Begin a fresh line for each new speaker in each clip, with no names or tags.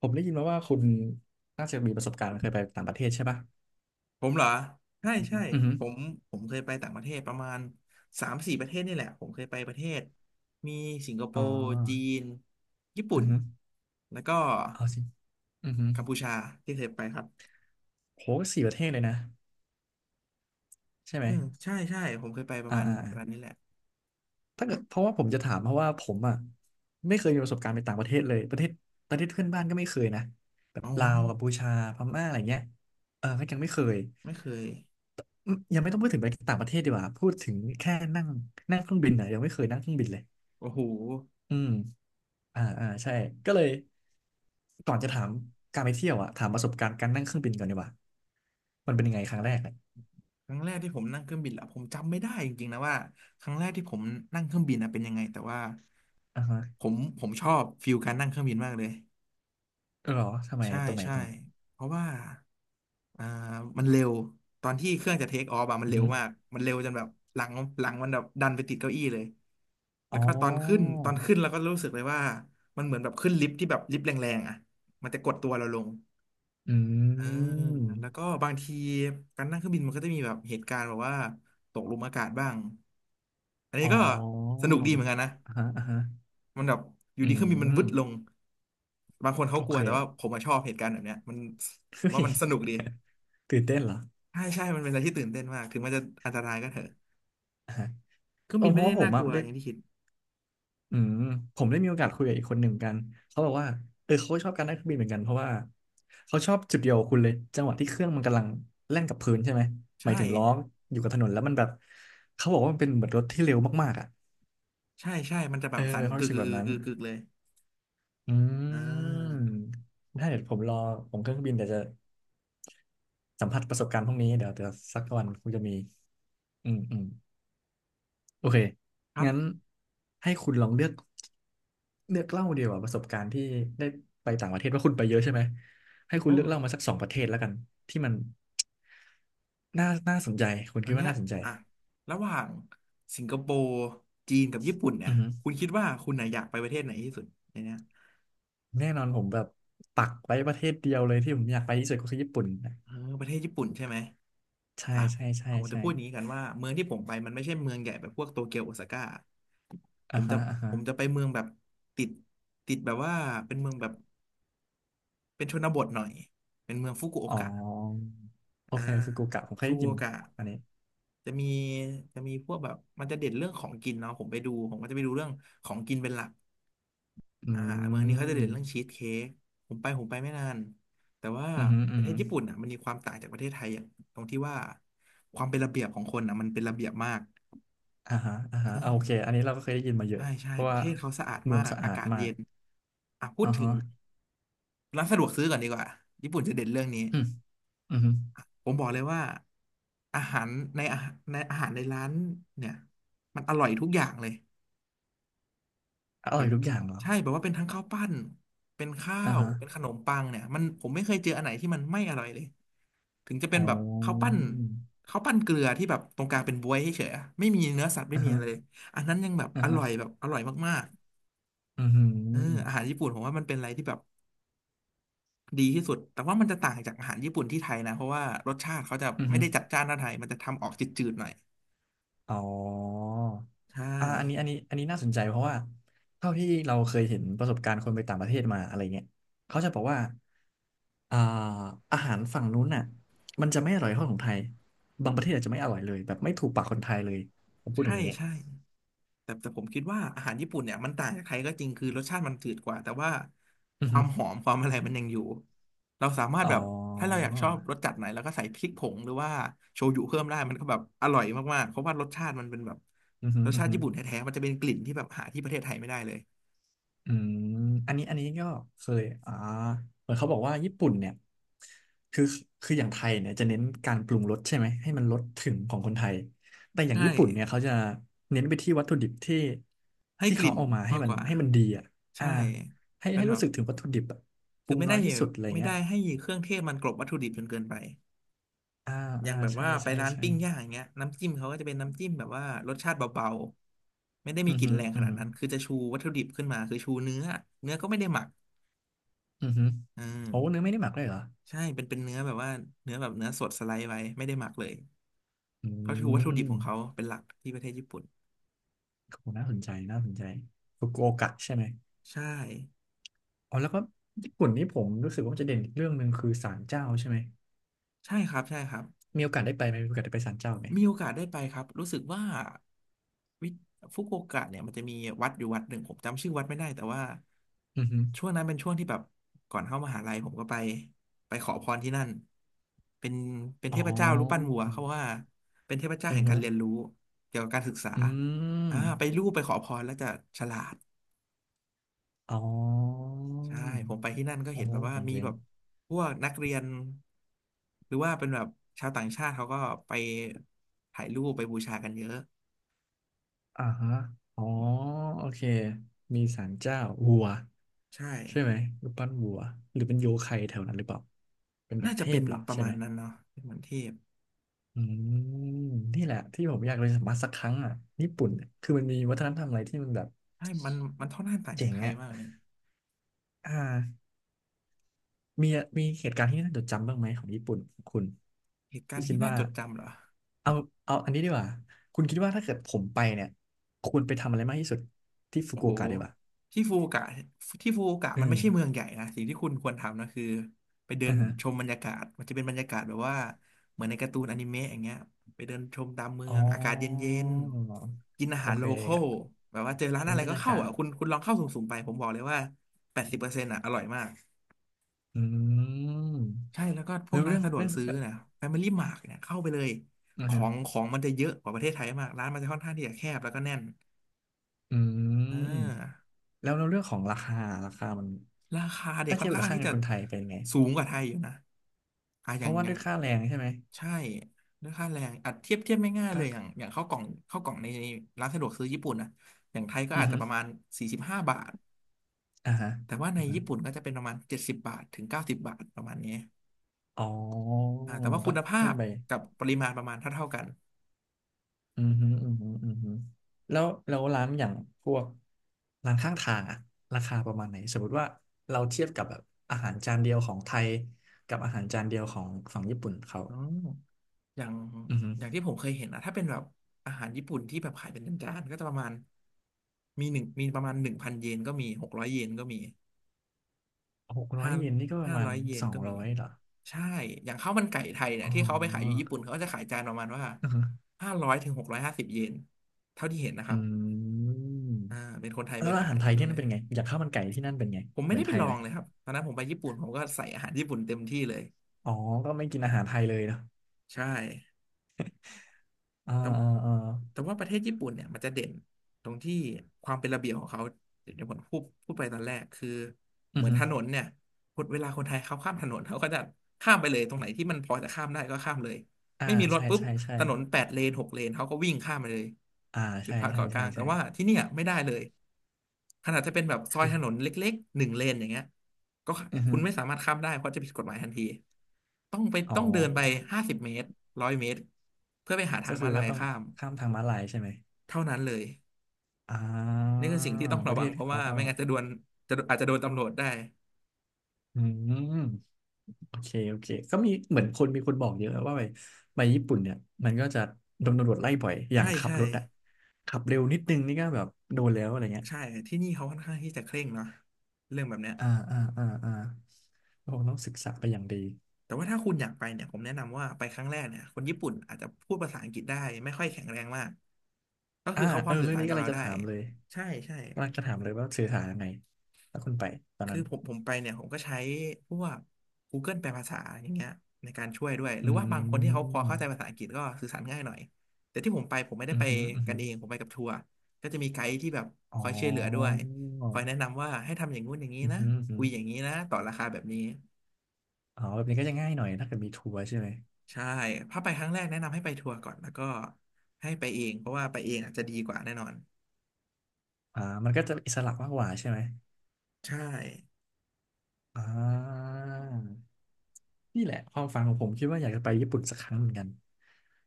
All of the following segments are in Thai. ผมได้ยินมาว่าคุณน่าจะมีประสบการณ์เคยไปต่างประเทศใช่ปะ
ผมเหรอใช่
อือฮึ
ใช่
อือฮึ
ผมผมเคยไปต่างประเทศประมาณสามสี่ประเทศนี่แหละผมเคยไปประเทศมีสิงคโป
อ๋
ร์จี
อ
นญี่ปุ่
อื
น
อฮึ
แล้วก็
เอาสิอือฮึ
กัมพูชาที่เคยไปครับ
โหสี่ประเทศเลยนะใช่ไหม
อืมใช่ใช่ผมเคยไปประ
อ่า
มาณ
อ่าอ่า
ประมาณนี้แหละ
ถ้าเกิดเพราะว่าผมจะถามเพราะว่าผมอ่ะไม่เคยมีประสบการณ์ไปต่างประเทศเลยประเทศเพื่อนบ้านก็ไม่เคยนะแบบ
อ๋อ
ลาวกัมพูชาพม่าอะไรเงี้ยเออก็ยังไม่เคย
ไม่เคย
อืมยังไม่ต้องพูดถึงไปต่างประเทศดีกว่าพูดถึงแค่นั่งนั่งเครื่องบินอ่ะยังไม่เคยนั่งเครื่องบินเลย
โอ้โห
อืม อ่าอ่าใช่ก็เลยก่อนจะถามการไปเที่ยวอะถามประสบการณ์การนั่งเครื่องบินก่อนดีกว่ามันเป็นยังไงครั้งแรกเนี่ย
ครั้งแรกที่ผมนั่งเครื่องบินละผมจำไม่ได้จริงๆนะว่าครั้งแรกที่ผมนั่งเครื่องบินนะเป็นยังไงแต่ว่า
อ่าฮะ
ผมชอบฟิลการนั่งเครื่องบินมากเลย
เอหรอทำไม
ใช่
อะตรงไหน
ใช่
ตรงไหน
เพราะว่าอ่ามันเร็วตอนที่เครื่องจะเทคออฟอะมัน
อือ
เร็ว
ฮึ
มากมันเร็วจนแบบหลังหลังมันแบบดันไปติดเก้าอี้เลยแล้
อ๋
วก็ตอนขึ้น
อ
ตอนขึ้นเราก็รู้สึกเลยว่ามันเหมือนแบบขึ้นลิฟต์ที่แบบลิฟต์แรงๆอะมันจะกดตัวเราลง
อื
เออแล้วก็
ม
บางทีการนั่งเครื่องบินมันก็จะมีแบบเหตุการณ์แบบว่าตกหลุมอากาศบ้างอันนี้
อ๋
ก็ส
อ
นุกดีเหมือนกันนะ
อ่าฮะอ่าฮะ
มันแบบอยู่
อื
ดีเครื่องบินมัน
ม
วึดลงบางคนเขา
โอ
กลั
เค
วแต่ว่า ผมอะชอบเหตุการณ์แบบเนี้ยมัน
เฮ้
ว่า
ย
มันสนุกดี
ตื่นเต้นเหรอ
ใช่ใช่มันเป็นอะไรที่ตื่นเต้นมากถึงมันจะอันตรายก็เถอะ
อ่าฮะ
เครื่อ
เอ
ง
อ
บิน
เพ
ไม่
ราะว่า
ได้
ผม
น่าก
อะ
ลัว
ได้
อย่างที่คิด
อืมผมได้มีโอกาสคุยกับอีกคนหนึ่งเหมือนกันเขาบอกว่าเออเขาก็ชอบการนั่งเครื่องบินเหมือนกันเพราะว่าเขาชอบจุดเดียวกับคุณเลยจังหวะที่เครื่องมันกำลังแล่นกับพื้นใช่ไหมหมาย
ใช่
ถึงล้ออยู่กับถนนแล้วมันแบบเขาบอกว่ามันเป็นเหมือนรถที่เร็วมากๆอ่ะ
ใช่ใช่มันจะแบ
เอ
บ
อ
สั่
เป็
น
นความ
กึก
รู้สึ
กึ
ก
ก
แบบนั้น
กึกกึกเลย
อื
อ่า
มถ้าเดี๋ยวผมรอผมเครื่องบินเดี๋ยวจะสัมผัสประสบการณ์พวกนี้เดี๋ยวสักวันคงจะมีอืมอืม โอเค
ครั
งั้น
บ
ให้คุณลองเลือกเลือกเล่าเดียว่าประสบการณ์ที่ได้ไปต่างประเทศว่าคุณไปเยอะใช่ไหมให้คุ
โอ้
ณเลือกเล่ามาสักสองประเทศแล้วกันที่มันน่าสนใจคุณ
อั
คิ
น
ดว่า
เนี้ย
น่าสนใจ
อ่ะระหว่างสิงคโปร์จีนกับญี่ปุ่นเนี่
อื
ย
อฮึ
คุณคิดว่าคุณน่ะอยากไปประเทศไหนที่สุดในเนี้ย
แน่นอนผมแบบปักไว้ประเทศเดียวเลยที่ผมอยากไปที่สุดก็คือญี่ปุ่นนะ
เออประเทศญี่ปุ่นใช่ไหม
ใช่
อ่ะ
ใช่ใช่
ผมจะ
ใช่
พูดอย่างนี้กันว่าเมืองที่ผมไปมันไม่ใช่เมืองใหญ่แบบพวกโตเกียวโอซาก้าผ
อ่า
มจะ
ฮะอ่าฮะ
ผมจะไปเมืองแบบติดติดแบบว่าเป็นเมืองแบบเป็นชนบทหน่อยเป็นเมืองฟุกุโอ
อ๋อ
กะ
โอ
อ่า
เคฟุกุโอกะผมเคย
ฟุ
ได้
กุ
ยิ
โอ
น
กะ
อันนี้
จะมีจะมีพวกแบบมันจะเด่นเรื่องของกินเนาะผมไปดูผมก็จะไปดูเรื่องของกินเป็นหลัก
อื
อ่าเมืองนี้เขาจะเด่นเรื่อง
ม
ชีสเค้กผมไปไม่นานแต่ว่า
อืมอฮึอ
ป
อื
ระ
อ
เท
ฮ
ศญี่ปุ่นอ่ะมันมีความต่างจากประเทศไทยอย่างตรงที่ว่าความเป็นระเบียบของคนอ่ะมันเป็นระเบียบมาก
อ่าฮะอ่าฮะ
อ่า
เอาโอเคอันนี้เราก็เคยได้ยินมาเยอะ
ใช่ใช่
เพราะ
ประ
ว่า
เทศเขาสะอาด
เมื
มา
อง
ก
สะ
อา
อาด
กาศ
มา
เย็
ก
นอ่ะพูด
อ่า
ถึง
ฮะ
ร้านสะดวกซื้อก่อนดีกว่าญี่ปุ่นจะเด่นเรื่องนี้
อืมอืมฮึ
ผมบอกเลยว่าอาหารในอาหารในอาหารในร้านเนี่ยมันอร่อยทุกอย่างเลย
อ
แบ
ร่อย
บ
ทุกอย่างเหรอ
ใช่แบบว่าเป็นทั้งข้าวปั้นเป็นข้า
อ่า
ว
ฮะ
เป็นขนมปังเนี่ยมันผมไม่เคยเจออันไหนที่มันไม่อร่อยเลย ถึงจะเป็
อ๋
นแบบข้าว
อ
ปั้นข้าวปั้นเกลือที่แบบตรงกลางเป็นบ๊วยให้เฉยอะไม่มีเนื้อสัตว์ไม่
อ่า
มี
ฮะ
อะไรเลยอันนั้นยังแบบ
อ่า
อ
ฮะ
ร่อยแบบอร่อยมาก
อืมฮึ
ๆเอออาหารญี่ปุ่นผมว่ามันเป็นอะไรที่แบบดีที่สุดแต่ว่ามันจะต่างจากอาหารญี่ปุ่นที่ไทยนะเพราะว่ารสชาติเขาจะ
อืม
ไม่
ฮึ
ได้จัดจ้านเท่าไทยมันจะทำออกจืดๆหน่อย
อ๋อ
ใช่
อ่าอันนี้น่าสนใจเพราะว่าเท่าที่เราเคยเห็นประสบการณ์คนไปต่างประเทศมาอะไรเงี้ยเขาจะบอกว่าอ่าอาหารฝั่งนู้นน่ะมันจะไม่อร่อยเท่าของไทยบางประเทศอาจจะไม่อร่อยเลยแบบไม่ถูกปากคนไทยเลยผมพูดอ
ใช่
ย่างนี้
ใช่ แต่ผมคิดว่าอาหารญี่ปุ่นเนี่ยมันต่างจากไทยก็จริงคือรสชาติมันจืดกว่าแต่ว่า
อื
ค
อ
วา
ฮึ
มหอมความอะไรมันยังอยู่เราสามาร
อ๋
ถ
อ
แบบถ้าเราอยากชอบรสจัดไหนเราก็ใส่พริกผงหรือว่าโชยุเพิ่มได้มันก็แบบอร่อยมากๆเพราะว่ารสชาติมันเป็นแบบ
อือหือ
รส
อือ
ชาติ
หือ
ญี่ปุ่นแท้ๆมันจะเป็นกลิ่นที่แบบหาที่ประเทศไทยไม่ได้เลย
อืมอันนี้ก็เคยอ่าเหมือนเขาบอกว่าญี่ปุ่นเนี่ยคือคืออย่างไทยเนี่ยจะเน้นการปรุงรสใช่ไหมให้มันรสถึงของคนไทยแต่อย่าง
ใช่
ญี่ปุ่นเนี่ยเขาจะเน้นไปที่วัตถุดิบที่
ให้
ที่
ก
เขา
ลิ่น
เอามาให้
มาก
มั
ก
น
ว่า
ให้มันดีอ่ะอ่า
ใช่
ให้
เป็น
ให้
แบ
รู้
บ
สึกถึงวัตถุดิบอะป
คื
รุ
อ
ง
ไม่
น้อ
ได้
ยที่สุดอะไร
ไม่
เงี้ย
ได้ให้เครื่องเทศมันกลบวัตถุดิบจนเกินไป
อ่า
อย่า
อ่า
งแบบ
ใช่
ว่าไป
ใช่
ร้าน
ใช่
ปิ้งย่างอย่างเงี้ยน้ำจิ้มเขาก็จะเป็นน้ำจิ้มแบบว่ารสชาติเบาๆไม่ได้มี
อือ
กลิ่น
หือ
แรงข
อือ
นาด
หือ
นั้นคือจะชูวัตถุดิบขึ้นมาคือชูเนื้อเนื้อก็ไม่ได้หมัก
อือหือ
อื
โอ้เนื้อ
ม
ไม่ได้หมักเลยเหรอ
ใช่เป็นเนื้อแบบว่าเนื้อแบบเนื้อสดสไลด์ไว้ไม่ได้หมักเลย
อื
เขาชูวัตถุดิ
ม
บของเขาเป็นหลักที่ประเทศญี่ปุ่น
โหน่าสนใจน่าสนใจฟุกุโอกะใช่ไหม
ใช่
อ๋อแล้วก็ญี่ปุ่นนี่ผมรู้สึกว่าจะเด่นอีกเรื่องหนึ่งคือศาลเจ้าใช่ไหม
ใช่ครับ
มีโอกาสได้ไปไหมมีโอกาสได้ไปศาลเจ้าไหม
มีโอกาสได้ไปครับ รู้สึกว่าวิฟุกุโอกะเนี่ยมันจะมีวัดอยู่วัดหนึ่ง ผมจำชื่อวัดไม่ได้แต่ว่า
อือฮึ
ช่วงนั้นเป็นช่วงที่แบบก่อนเข้ามหาลัยผมก็ไปไปขอพรที่นั่น เป็นเป็น
อ๋
เทพเจ้ารูปปั้น
อ
วัวเขาว่าเป็นเทพเจ้า
อื
แห่
อ
ง
ฮึ
การเรียนรู้เกี่ยวกับการศึกษา
อืม
ไปรูปไปขอพรแล้วจะฉลาด
อ๋อ
ใช่ผมไปที่นั่นก็เห็
โอ้
นแบบว่า
เจ
มี
๋
แบ
ง
บพวกนักเรียนหรือว่าเป็นแบบชาวต่างชาติเขาก็ไปถ่ายรูปไปบูชากันเยอะ
ๆอ่าฮะอ๋อโอเคมีศาลเจ้าวัว
ใช่
ใช่ไหมรูปปั้นวัวหรือเป็นโยใครแถวนั้นหรือเปล่าเป็นแบ
น่า
บเท
จะเป็
พ
น
เหรอ
ประ
ใช่
มา
ไห
ณ
ม
นั้นเนาะเป็นเหมือนเทพ
อืมนี่แหละที่ผมอยากไปสัมผัสสักครั้งอ่ะญี่ปุ่นเนี่ยคือมันมีวัฒนธรรมอะไรที่มันแบบ
ใช่มันค่อนข้างต่างจา
เจ๋
ก
ง
ไทย
อ่ะ
มากเลย
อ่ามีมีเหตุการณ์ที่น่าจดจำบ้างไหมของญี่ปุ่นของคุณ
เหตุการ
ที่
ณ์
คิด
ที่น่า
ว่า
จดจำเหรอ
เอาเอาอันนี้ดีกว่าคุณคิดว่าถ้าเกิดผมไปเนี่ยควรไปทำอะไรมากที่สุดที่ฟุ
โอ้
กุ
โห
โอกะดีกว่า
ที่ฟูกะที่ฟูกะมั
อื
น
ม
ไม่ใช่เมืองใหญ่นะสิ่งที่คุณควรทำนะคือไปเดิน
อ่าฮะ
ชมบรรยากาศมันจะเป็นบรรยากาศแบบว่าเหมือนในการ์ตูนอนิเมะอย่างเงี้ยไปเดินชมตามเมื
อ๋
อ
อ
งอากาศเย็นๆกินอา
โอ
หาร
เค
โลคอลแบบว่าเจอร้าน
เป็
อะ
น
ไร
บรร
ก็
ยา
เข้า
กาศ
อ่ะคุณลองเข้าสุ่มๆไปผมบอกเลยว่า80%อ่ะอร่อยมาก
อืม
ใช่แล้วก็พ
แล้
วก
ว
ร้าน
เรื่อง
สะดวก
เรื่อง
ซื้อนะ Family Mart เนี่ยเข้าไปเลย
อ่า
ขอ
ฮะ
งของมันจะเยอะกว่าประเทศไทยมากร้านมันจะค่อนข้างที่จะแคบแล้วก็แน่น
อื
เอ
ม
อ
แล้วในเรื่องของราคาราคามัน
ราคาเด็ก
ถ้า
ค่
เที
อน
ยบกั
ข้า
บ
ง
ค่า
ที่
เงิน
จะ
คนไทยเป็นไง
สูงกว่าไทยอยู่นะอ่ะอ
เพ
ย่าง
ราะว่า
อย่า
ด้ว
ง
ยค่าแรงใช่ไหม
ใช่ด้วยค่าแรงอัดเทียบไม่ง่ายเลยอย่าง
ค่า
อย่างข้าวกล่องในร้านสะดวกซื้อญี่ปุ่นนะอย่างไทยก็
อือ
อาจจะ
ฮึ
ประมาณสี่สิบห้าบาท
อ่าฮะ
แต่ว่าใน
อือฮึ
ญี่ปุ่นก็จะเป็นประมาณเจ็ดสิบบาทถึงเก้าสิบบาทประมาณนี้
อ๋อ
อ่าแต่ว่าคุ
ก็
ณภา
เพิ่ม
พ
ไป
กับปริมาณประมาณเท่ากัน
อือฮึอือฮึอือฮึแล้วร้านอย่างพวกร้านข้างทางอะราคาประมาณไหนสมมติว่าเราเทียบกับแบบอาหารจานเดียวของไทยกับอาหารจานเดียวของฝั่งญี่ปุ่นเขา
อ๋อ อย่าง
อือฮึ
อย่างที่ผมเคยเห็นนะถ้าเป็นแบบอาหารญี่ปุ่นที่แบบขายเป็นจานๆก็จะประมาณมีหนึ่งมีประมาณหนึ่งพันเยนก็มีหกร้อยเยนก็มี
หกร้อ
ห้า
ยเยนนี่ก็ประ
ห้า
มาณ
ร้อยเย
ส
น
อง
ก็มี
ร้อยเหรอ
ใช่อย่างข้าวมันไก่ไทยเนี่ย
อ๋อ
ที่เขาเอาไปขายอยู่ญี่ปุ่นเขาก็จะขายจานประมาณว่า
อือฮึ
ห้าร้อยถึงหกร้อยห้าสิบเยนเท่าที่เห็นนะค
อ
รับ
ืม
อ่าเป็นคนไทย
แล้
ไป
วอา
ขา
หา
ย
รไทย
ที่นู่
ที่
น
นั่
เล
น
ย
เป็นไงอยากข้าวมันไก่ที่นั่นเป็นไง
ผม
เห
ไม่
มือ
ได้
นไท
ไป
ย
ลอ
ไหม
งเลยครับตอนนั้นผมไปญี่ปุ่นผมก็ใส่อาหารญี่ปุ่นเต็มที่เลย
อ๋อก็ไม่กินอาหารไทยเลยเนาะ
ใช่
อ่า
แต่
อ่าอ่า
แต่ว่าประเทศญี่ปุ่นเนี่ยมันจะเด่นตรงที่ความเป็นระเบียบของเขาเดี๋ยวผมพูดไปตอนแรกคือ
อื
เหมื
อ
อน
ฮึ
ถนนเนี่ยเวลาคนไทยเขาข้ามถนนเขาก็จะข้ามไปเลยตรงไหนที่มันพอจะข้ามได้ก็ข้ามเลย
อ่า
ไม่มีรถ
ใช่
ปุ๊บ
ใช่ใช่
ถนนแปดเลนหกเลนเขาก็วิ่งข้ามไปเลย
อ่า
หยุด
ใช่
พัก
ใช่
เกาะก
ใช่
ลาง แต่
ใช่
ว่าที่เนี่ยไม่ได้เลยขนาดจะเป็นแบบซอย
คือ
ถนนเล็กๆหนึ่งเลนอย่างเงี้ย ก็
อือ
คุ
ฮึ
ณไม่สามารถข้ามได้เพราะจะผิดกฎหมายทันที
อ๋อ
ต้องเดินไป
ก็
ห้าสิบเมตรร้อยเมตรเพื่อไปหาทา
ก็
ง
คื
ม้า
อ
ลา
ก็
ย
ต้อง
ข้าม
ข้ามทางม้าลายใช่ไหม
เท่านั้นเลย
อ่า
นี่คือสิ่งที่ต้อง
ป
ระ
ระเท
วัง
ศ
เพราะ
เขา
ว่า
ก็
ไม่งั้นจะโดนอาจจะโดนตำรวจได้
อืมโอเคโอเคก็มีเหมือนคนมีคนบอกเยอะว่าไปญี่ปุ่นเนี่ยมันก็จะโดนตำรวจไล่บ่อยอย่า
ใช่
งขับ
ใช่
รถอะขับเร็วนิดนึงนี่ก็แบบโดนแล้วอะไรเงี้ย
ใช่ที่นี่เขาค่อนข้างที่จะเคร่งเนาะเรื่องแบบเนี้ย
อ่าอ่าอ่าอ่าเราคงต้องศึกษาไปอย่างดี
แต่ว่าถ้าคุณอยากไปเนี่ยผมแนะนำว่าไปครั้งแรกเนี่ยคนญี่ปุ่นอาจจะพูดภาษาอังกฤษได้ไม่ค่อยแข็งแรงมากก็
อ่า
คือเขาพ
เอ
อ
อ
สื่อ
เรื่อง
สาร
นี้
กับ
กำลัง
เรา
จะ
ได้
ถามเลย
ใช่ใช่
กำลังจะถามเลยว่าสื่อสารยังไงถ้าคุณไปตอน
คื
นั้
อ
น
ผมไปเนี่ยผมก็ใช้พวก Google แปลภาษาอย่างเงี้ยในการช่วยด้วยห
อ
รือว่าบางค
ื
นที่เขาพอเข้าใจ
ม
ภาษาอังกฤษก็สื่อสารง่ายหน่อยแต่ที่ผมไปผมไม่ได้
อือ
ไป
หืออือ
กั
หื
น
อ
เองผมไปกับทัวร์ก็จะมีไกด์ที่แบบค
อ๋
อยช่วยเหลือด้วย
อ
คอยแนะนำว่าให้ทำอย่างงู้นอย่างนี้
อือ
นะ
หืออือหื
คุ
อ
ยอย่างนี้นะต่อราคาแบบนี้
อ๋อแบบนี้ก็จะง่ายหน่อยถ้าเกิดมีทัวร์ใช่ไหม
ใช่ถ้าไปครั้งแรกแนะนำให้ไปทัวร์ก่อนแล้วก็ให้ไปเองเพราะว่าไปเองอาจจะดีกว่าแน่นอน
อ่ามันก็จะอิสระมากกว่าใช่ไหม
ใช่
อ่า นี่แหละความฝันของผมคิดว่าอยากจะไปญี่ปุ่นสักครั้งเหมือนกัน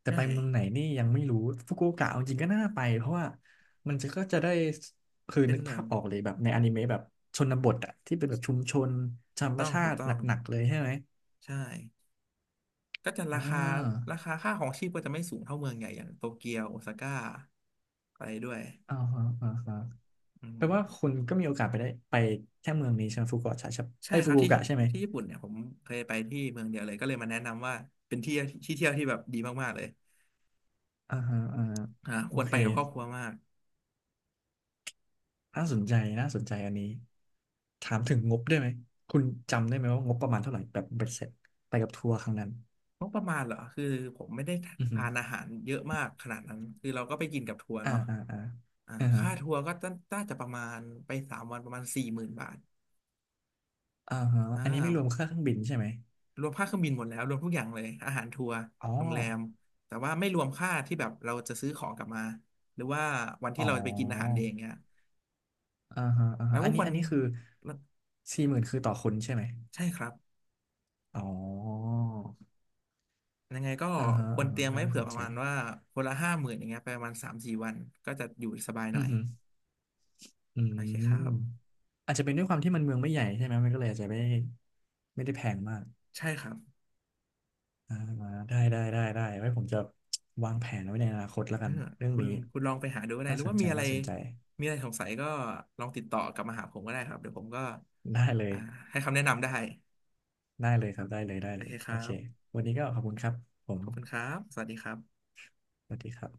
แต่
ใช่
ไปเมืองไหนนี่ยังไม่รู้ฟุกุโอกะเอาจริงก็น่าไปเพราะว่ามันก็จะได้คือ
เป็น
นึก
แบ
ภา
บ
พออกเลยแบบในอนิเมะแบบชนบทอะที่เป็นแบบชุมชนธรรม
ต้อง
ชา
ถูก
ติ
ต้
ห
อง
นักๆเลยใช่ไหม
ใช่ ก็จะ
อ่า
ราคาค่าของชีพก็จะไม่สูงเท่าเมืองใหญ่อย่างโตเกียวโอซาก้าอะไรด้วย
อ่าฮะอ่าฮะ
อื
แป
ม
ลว่าคุณก็มีโอกาสได้ไปแค่เมืองนี้ใช่ไหมฟุกุโอกะใช่ไหม
ใช่
ไอ้ย
ค
ฟุ
รับ
กุโอ
ที่
กะใช่ไหม
ที่ญี่ปุ่นเนี่ยผมเคยไปที่เมืองเดียวเลยก็เลยมาแนะนำว่าเป็นที่เที่ยวที่แบบดีมากๆเลย
อ่าฮะอ่าฮะ
อ่าค
โอ
วร
เค
ไปกับครอบครัวมาก
น่าสนใจน่าสนใจอันนี้ถามถึงงบได้ไหมคุณจำได้ไหมว่างบประมาณเท่าไหร่แบบเบ็ดเสร็จไปกับทัวร์ครั้งนั้น
งบประมาณเหรอคือผมไม่ได้
อือฮึ
ทานอาหารเยอะมากขนาดนั้นคือเราก็ไปกินกับทัวร์
อ่า
เนาะ
อ่าอ่า
อ่า
อ่าฮะ
ค่าทัวร์ก็น่าจะประมาณไปสามวันประมาณสี่หมื่นบาท
อ่าฮะ
อ่า
อันนี้ไม่รวมค่าเครื่องบินใช่ไหม
รวมค่าเครื่องบินหมดแล้วรวมทุกอย่างเลยอาหารทัวร์
อ๋อ
โรงแรมแต่ว่าไม่รวมค่าที่แบบเราจะซื้อของกลับมาหรือว่าวันที่
อ๋อ
เราไปกินอาหารเองเนี่ย
อ่าฮะอ่า
เรา
ฮะอั
ก็
น
ค
นี้
วร
อันนี้คือ40,000คือต่อคนใช่ไหม
ใช่ครับ
อ๋อ
ยังไงก็
อ่าฮะ
ควร
อ่า
เต
ฮะ
รียม
ก็
ไว้
น่า
เผื่
ส
อ
น
ประ
ใจ
มาณว่าคนละห้าหมื่นอย่างเงี้ยไปประมาณสามสี่วันก็จะอยู่สบายหน่
อื
อ
อ
ย
ฮึอื
โอ
ม
เคครับ
อาจจะเป็นด้วยความที่มันเมืองไม่ใหญ่ใช่ไหมมันก็เลยอาจจะไม่ไม่ได้แพงมาก
ใช่ครับ
อ่าได้ได้ได้ได้ไว้ผมจะวางแผนไว้ในอนาคตแล้ว
เอ
กั
อ
นเรื่อง
คุณ
นี้
คุณลองไปหาดูก็ได้
น่า
หรือ
สน
ว่า
ใจน่าสนใจ
มีอะไรสงสัยก็ลองติดต่อกลับมาหาผมก็ได้ครับเดี๋ยวผมก็
ได้เลย
อ่าให้คำแนะนำได้
ได้เลยครับได้เลยได้
โอ
เล
เค
ย
ค
โอ
รั
เค
บ
วันนี้ก็ขอบคุณครับผม
ขอบคุณครับสวัสดีครับ
สวัสดีครับ